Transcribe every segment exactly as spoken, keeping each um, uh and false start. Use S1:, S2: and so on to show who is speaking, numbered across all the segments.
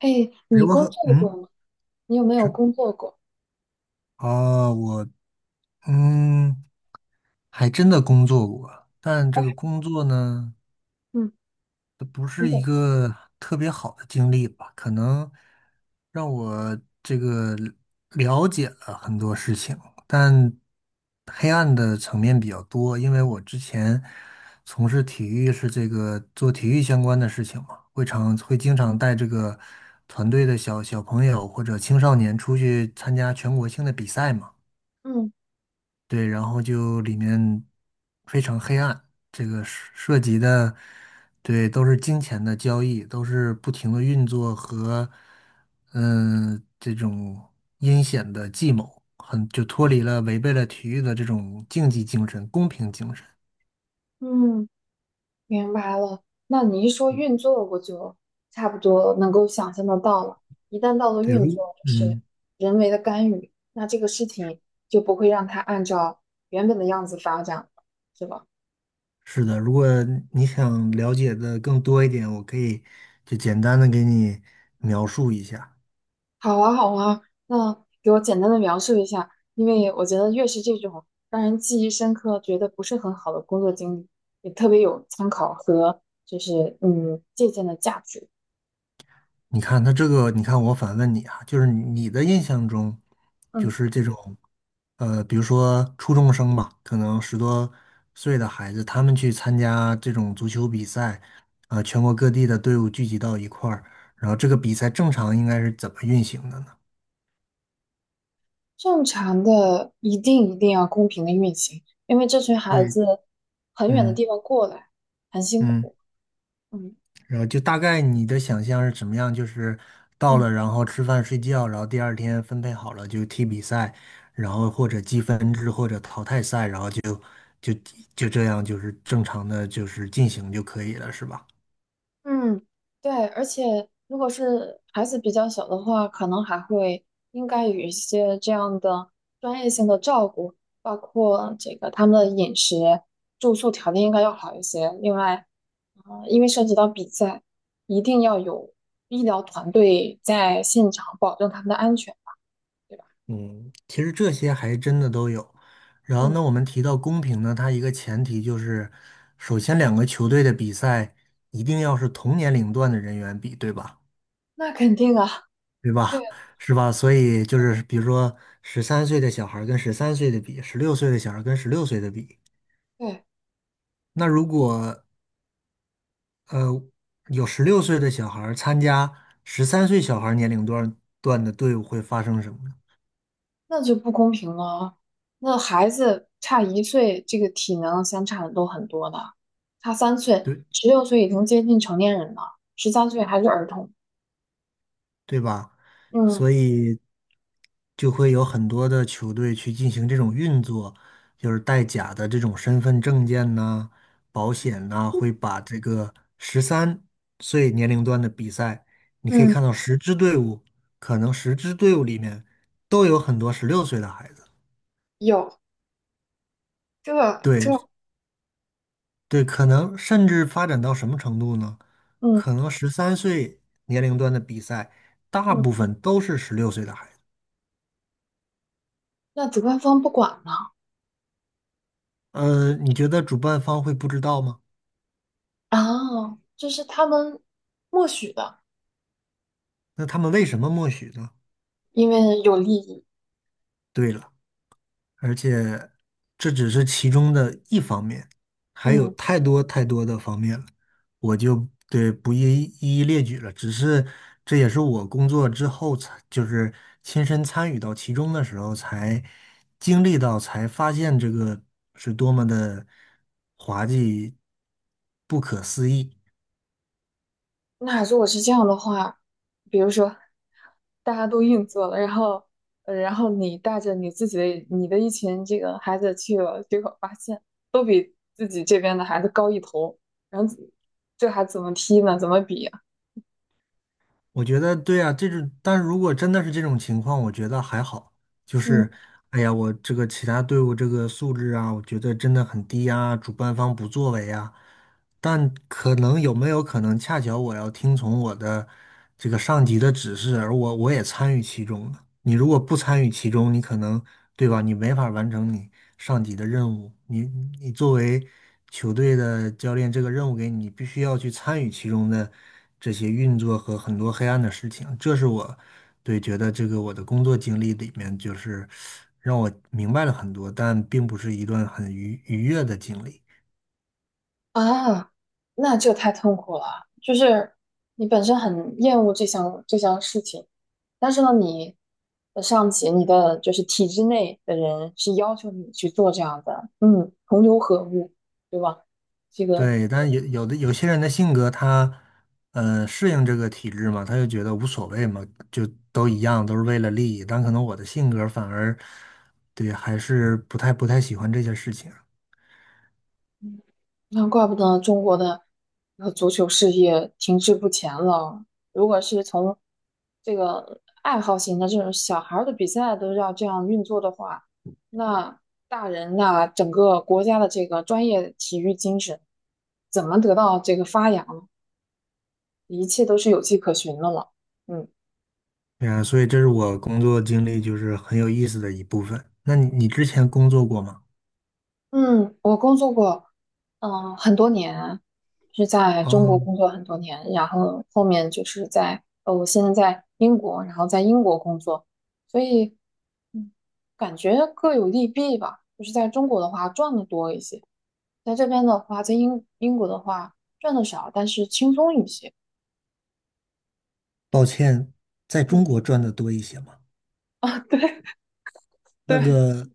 S1: 嘿，你
S2: 如
S1: 工
S2: 何？
S1: 作过
S2: 嗯，
S1: 吗？你有没有
S2: 是
S1: 工作过？
S2: 啊，我嗯，还真的工作过。但这
S1: 哦，
S2: 个工作呢，
S1: 嗯
S2: 它不
S1: 等
S2: 是一
S1: 等，
S2: 个特别好的经历吧？可能让我这个了解了很多事情，但黑暗的层面比较多。因为我之前从事体育是这个做体育相关的事情嘛，会常会经常带这个团队的小小朋友或者青少年出去参加全国性的比赛嘛。
S1: 嗯
S2: 对，然后就里面非常黑暗，这个涉涉及的，对，都是金钱的交易，都是不停的运作和，嗯，这种阴险的计谋。很就脱离了违背了体育的这种竞技精神、公平精神。
S1: 嗯，明白了。那你一说运作，我就差不多能够想象得到了。一旦到了
S2: 对，
S1: 运作，
S2: 如
S1: 就是
S2: 嗯，
S1: 人为的干预，那这个事情就不会让它按照原本的样子发展了，是吧？
S2: 是的。如果你想了解的更多一点，我可以就简单的给你描述一下。
S1: 好啊，好啊，那给我简单的描述一下，因为我觉得越是这种让人记忆深刻、觉得不是很好的工作经历，也特别有参考和就是嗯借鉴的价值。
S2: 你看他这个，你看我反问你啊，就是你的印象中，就
S1: 嗯，
S2: 是这种，呃，比如说初中生吧，可能十多岁的孩子，他们去参加这种足球比赛，啊、全国各地的队伍聚集到一块儿，然后这个比赛正常应该是怎么运行的呢？
S1: 正常的一定一定要公平的运行，因为这群孩
S2: 对。
S1: 子很远的
S2: 嗯
S1: 地方过来，很辛
S2: 嗯。
S1: 苦。嗯
S2: 然后就大概你的想象是怎么样？就是到
S1: 嗯。
S2: 了，然后吃饭睡觉，然后第二天分配好了就踢比赛，然后或者积分制或者淘汰赛，然后就就就这样就是正常的就是进行就可以了，是吧？
S1: 嗯，对，而且如果是孩子比较小的话，可能还会应该有一些这样的专业性的照顾，包括这个他们的饮食、住宿条件应该要好一些。另外，啊、因为涉及到比赛，一定要有医疗团队在现场保证他们的安全吧，对吧？
S2: 嗯，其实这些还真的都有。然后
S1: 嗯，
S2: 呢，我们提到公平呢，它一个前提就是，首先两个球队的比赛一定要是同年龄段的人员比，对吧？
S1: 那肯定啊，
S2: 对
S1: 对
S2: 吧？是吧？所以就是，比如说十三岁的小孩儿跟十三岁的比，十六岁的小孩儿跟十六岁的比，
S1: 对。
S2: 那如果呃有十六岁的小孩儿参加十三岁小孩儿年龄段段的队伍，会发生什么呢？
S1: 那就不公平了。那孩子差一岁，这个体能相差的都很多的。差三岁，
S2: 对，
S1: 十六岁已经接近成年人了，十三岁还是儿童。
S2: 对吧？
S1: 嗯
S2: 所以就会有很多的球队去进行这种运作，就是带假的这种身份证件呐、保险呐、会把这个十三岁年龄段的比赛，你可以
S1: 嗯，
S2: 看到十支队伍，可能十支队伍里面都有很多十六岁的孩子。
S1: 有这这，
S2: 对对，可能甚至发展到什么程度呢？
S1: 嗯
S2: 可能十三岁年龄段的比赛，大
S1: 嗯，
S2: 部分都是十六岁的孩子。
S1: 那主办方不管呢？
S2: 嗯呃，你觉得主办方会不知道吗？
S1: 啊，这是他们默许的，
S2: 那他们为什么默许呢？
S1: 因为有利益。
S2: 对了，而且这只是其中的一方面，还有
S1: 嗯。
S2: 太多太多的方面了。我就对不一一一列举了。只是这也是我工作之后才，就是亲身参与到其中的时候才经历到，才发现这个是多么的滑稽、不可思议。
S1: 那如果是这样的话，比如说大家都硬座了，然后，呃然后你带着你自己的你的一群这个孩子去了，结果发现都比自己这边的孩子高一头，然后这还怎么踢呢？怎么比呀？
S2: 我觉得对啊，这种，但如果真的是这种情况，我觉得还好。就是，
S1: 嗯。
S2: 哎呀，我这个其他队伍这个素质啊，我觉得真的很低啊，主办方不作为啊。但可能有没有可能，恰巧我要听从我的这个上级的指示，而我我也参与其中了。你如果不参与其中，你可能，对吧？你没法完成你上级的任务。你你作为球队的教练，这个任务给你，你必须要去参与其中的这些运作和很多黑暗的事情。这是我对觉得这个我的工作经历里面，就是让我明白了很多，但并不是一段很愉愉悦的经历。
S1: 啊，那就太痛苦了。就是你本身很厌恶这项这项事情，但是呢，你的上级、你的就是体制内的人是要求你去做这样的，嗯，同流合污，对吧？这个
S2: 对，但有有的有些人的性格他，呃，适应这个体制嘛，他就觉得无所谓嘛，就都一样，都是为了利益。但可能我的性格反而，对，还是不太不太喜欢这些事情。
S1: 那怪不得中国的呃足球事业停滞不前了。如果是从这个爱好型的这种小孩儿的比赛都要这样运作的话，那大人那整个国家的这个专业体育精神怎么得到这个发扬呢一切都是有迹可循的了。嗯
S2: 对啊，所以这是我工作经历就是很有意思的一部分。那你你之前工作过吗？
S1: 嗯，我工作过，嗯，很多年是在中
S2: 哦，
S1: 国工作很多年，然后后面就是在呃，我现在在英国，然后在英国工作，所以嗯，感觉各有利弊吧。就是在中国的话赚的多一些，在这边的话，在英英国的话赚的少，但是轻松一些。
S2: 抱歉。在
S1: 嗯
S2: 中国赚的多一些嘛。
S1: 啊，对
S2: 那
S1: 对，
S2: 个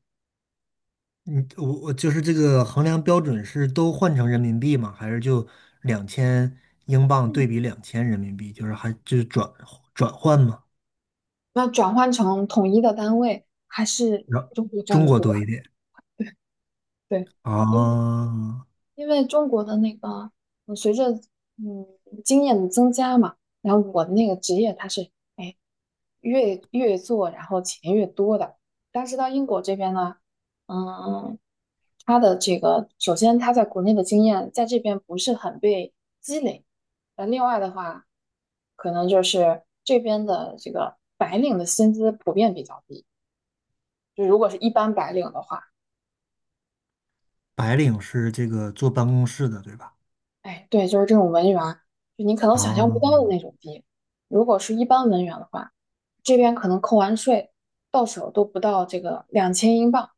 S2: 嗯，我我就是这个衡量标准是都换成人民币吗？还是就两千英镑对比两千人民币，就是还就是转转换吗？
S1: 那转换成统一的单位，还是
S2: 然后
S1: 中国赚
S2: 中
S1: 的
S2: 国
S1: 多。
S2: 多一点
S1: 对，
S2: 啊。
S1: 因为。因为中国的那个，嗯，随着嗯经验的增加嘛，然后我的那个职业它是哎越越做，然后钱越多的。但是到英国这边呢，嗯，他的这个首先他在国内的经验在这边不是很被积累，那另外的话，可能就是这边的这个白领的薪资普遍比较低，就如果是一般白领的话。
S2: 白领是这个坐办公室的，对吧？
S1: 哎，对，就是这种文员，就你可能想象不到的那
S2: 啊
S1: 种低。如果是一般文员的话，这边可能扣完税到手都不到这个两千英镑，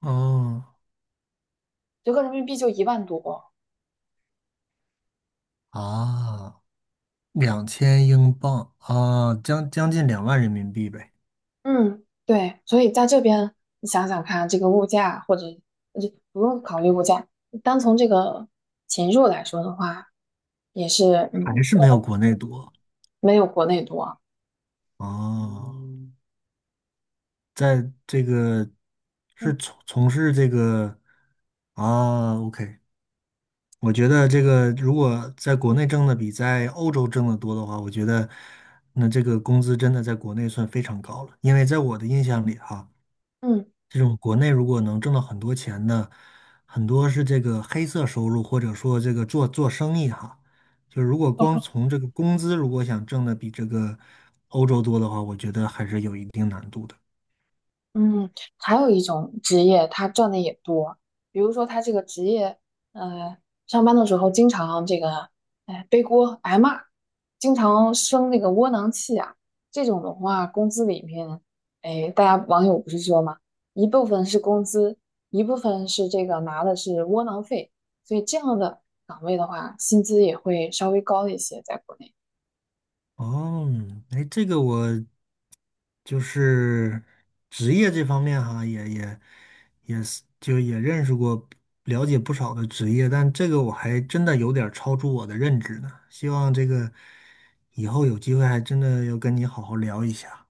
S2: 哦
S1: 折合人民币就一万多。
S2: 啊，两千英镑啊，将将近两万人民币呗，
S1: 嗯，对，所以在这边你想想看，这个物价或者呃就不用考虑物价，单从这个钱肉来说的话，也是
S2: 还
S1: 嗯
S2: 是没有国内多
S1: 没有国内多。
S2: 啊。在这个是
S1: 嗯
S2: 从从事这个。啊，OK，我觉得这个如果在国内挣的比在欧洲挣的多的话，我觉得那这个工资真的在国内算非常高了。因为在我的印象里哈，
S1: 嗯。
S2: 这种国内如果能挣到很多钱的，很多是这个黑色收入，或者说这个做做生意哈，就如果光从这个工资如果想挣的比这个欧洲多的话，我觉得还是有一定难度的。
S1: 嗯，还有一种职业，他赚的也多。比如说，他这个职业，呃，上班的时候经常这个，哎，背锅挨骂，经常生那个窝囊气啊。这种的话，工资里面，哎，大家网友不是说嘛，一部分是工资，一部分是这个拿的是窝囊费，所以这样的岗位的话，薪资也会稍微高一些，在国内。
S2: 哦，哎，这个我就是职业这方面哈，也也也是就也认识过，了解不少的职业，但这个我还真的有点儿超出我的认知呢。希望这个以后有机会还真的要跟你好好聊一下。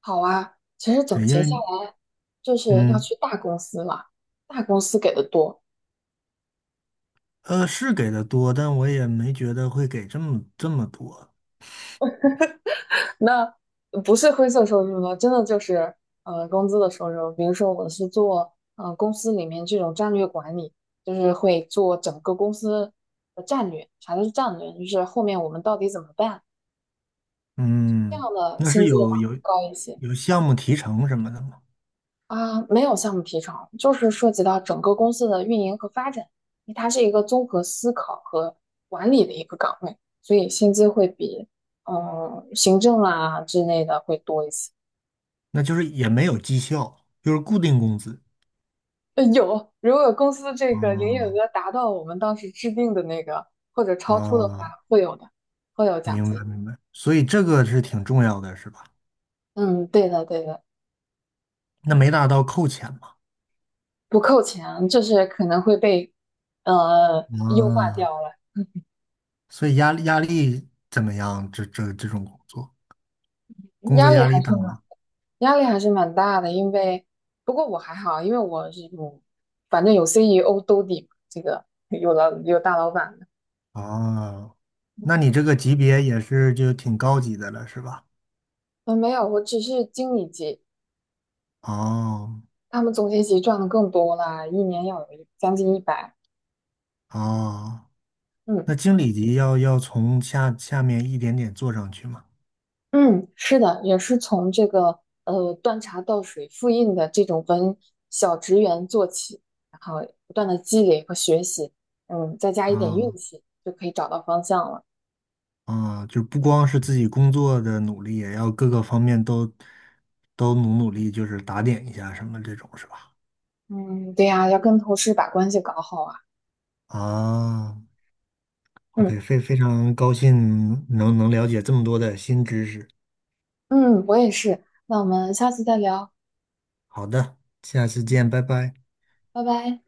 S1: 好啊，其实总
S2: 对，因
S1: 结
S2: 为
S1: 下来，就是要
S2: 嗯
S1: 去大公司了，大公司给的多。
S2: 呃是给的多，但我也没觉得会给这么这么多。
S1: 那不是灰色收入呢，真的就是呃工资的收入。比如说我是做呃公司里面这种战略管理，就是会做整个公司的战略。啥叫战略？就是后面我们到底怎么办？这样
S2: 嗯，
S1: 的
S2: 那是
S1: 薪资的话
S2: 有
S1: 会
S2: 有
S1: 高一些。
S2: 有项目提成什么的吗？
S1: 啊，没有项目提成，就是涉及到整个公司的运营和发展，因为它是一个综合思考和管理的一个岗位，所以薪资会比嗯行政啊之类的会多一些。
S2: 那就是也没有绩效，就是固定工资。
S1: 呃有，如果公司这个营业
S2: 哦
S1: 额达到我们当时制定的那个或者超出的话，
S2: 啊，
S1: 会有的，会有奖
S2: 明白
S1: 金。
S2: 明白，所以这个是挺重要的，是吧？
S1: 嗯，对的，对的，
S2: 那没达到扣钱嘛？
S1: 不扣钱，就是可能会被呃优化
S2: 啊，
S1: 掉了，
S2: 所以压力压力怎么样？这这这种工作，工作
S1: 压力
S2: 压力
S1: 还是。
S2: 大吗？
S1: 压力还是蛮大的，因为不过我还好，因为我是有，反正有 C E O 兜底嘛，这个有老有大老板的。
S2: 啊，那你这个级别也是就挺高级的了，是吧？
S1: 嗯，没有，我只是经理级，
S2: 哦
S1: 他们总监级赚的更多啦，一年要有一将近一百。
S2: 哦，
S1: 嗯
S2: 那经理级要要从下下面一点点做上去嘛？
S1: 嗯，是的，也是从这个呃端茶倒水、复印的这种文小职员做起，然后不断的积累和学习，嗯，再加一点运
S2: 啊。
S1: 气，就可以找到方向了。
S2: 啊，就不光是自己工作的努力，也要各个方面都都努努力，就是打点一下什么这种是吧？
S1: 嗯，对呀，要跟同事把关系搞好啊。
S2: 啊
S1: 嗯。
S2: ，OK，非非常高兴能能了解这么多的新知识。
S1: 嗯，我也是。那我们下次再聊，
S2: 好的，下次见，拜拜。
S1: 拜拜。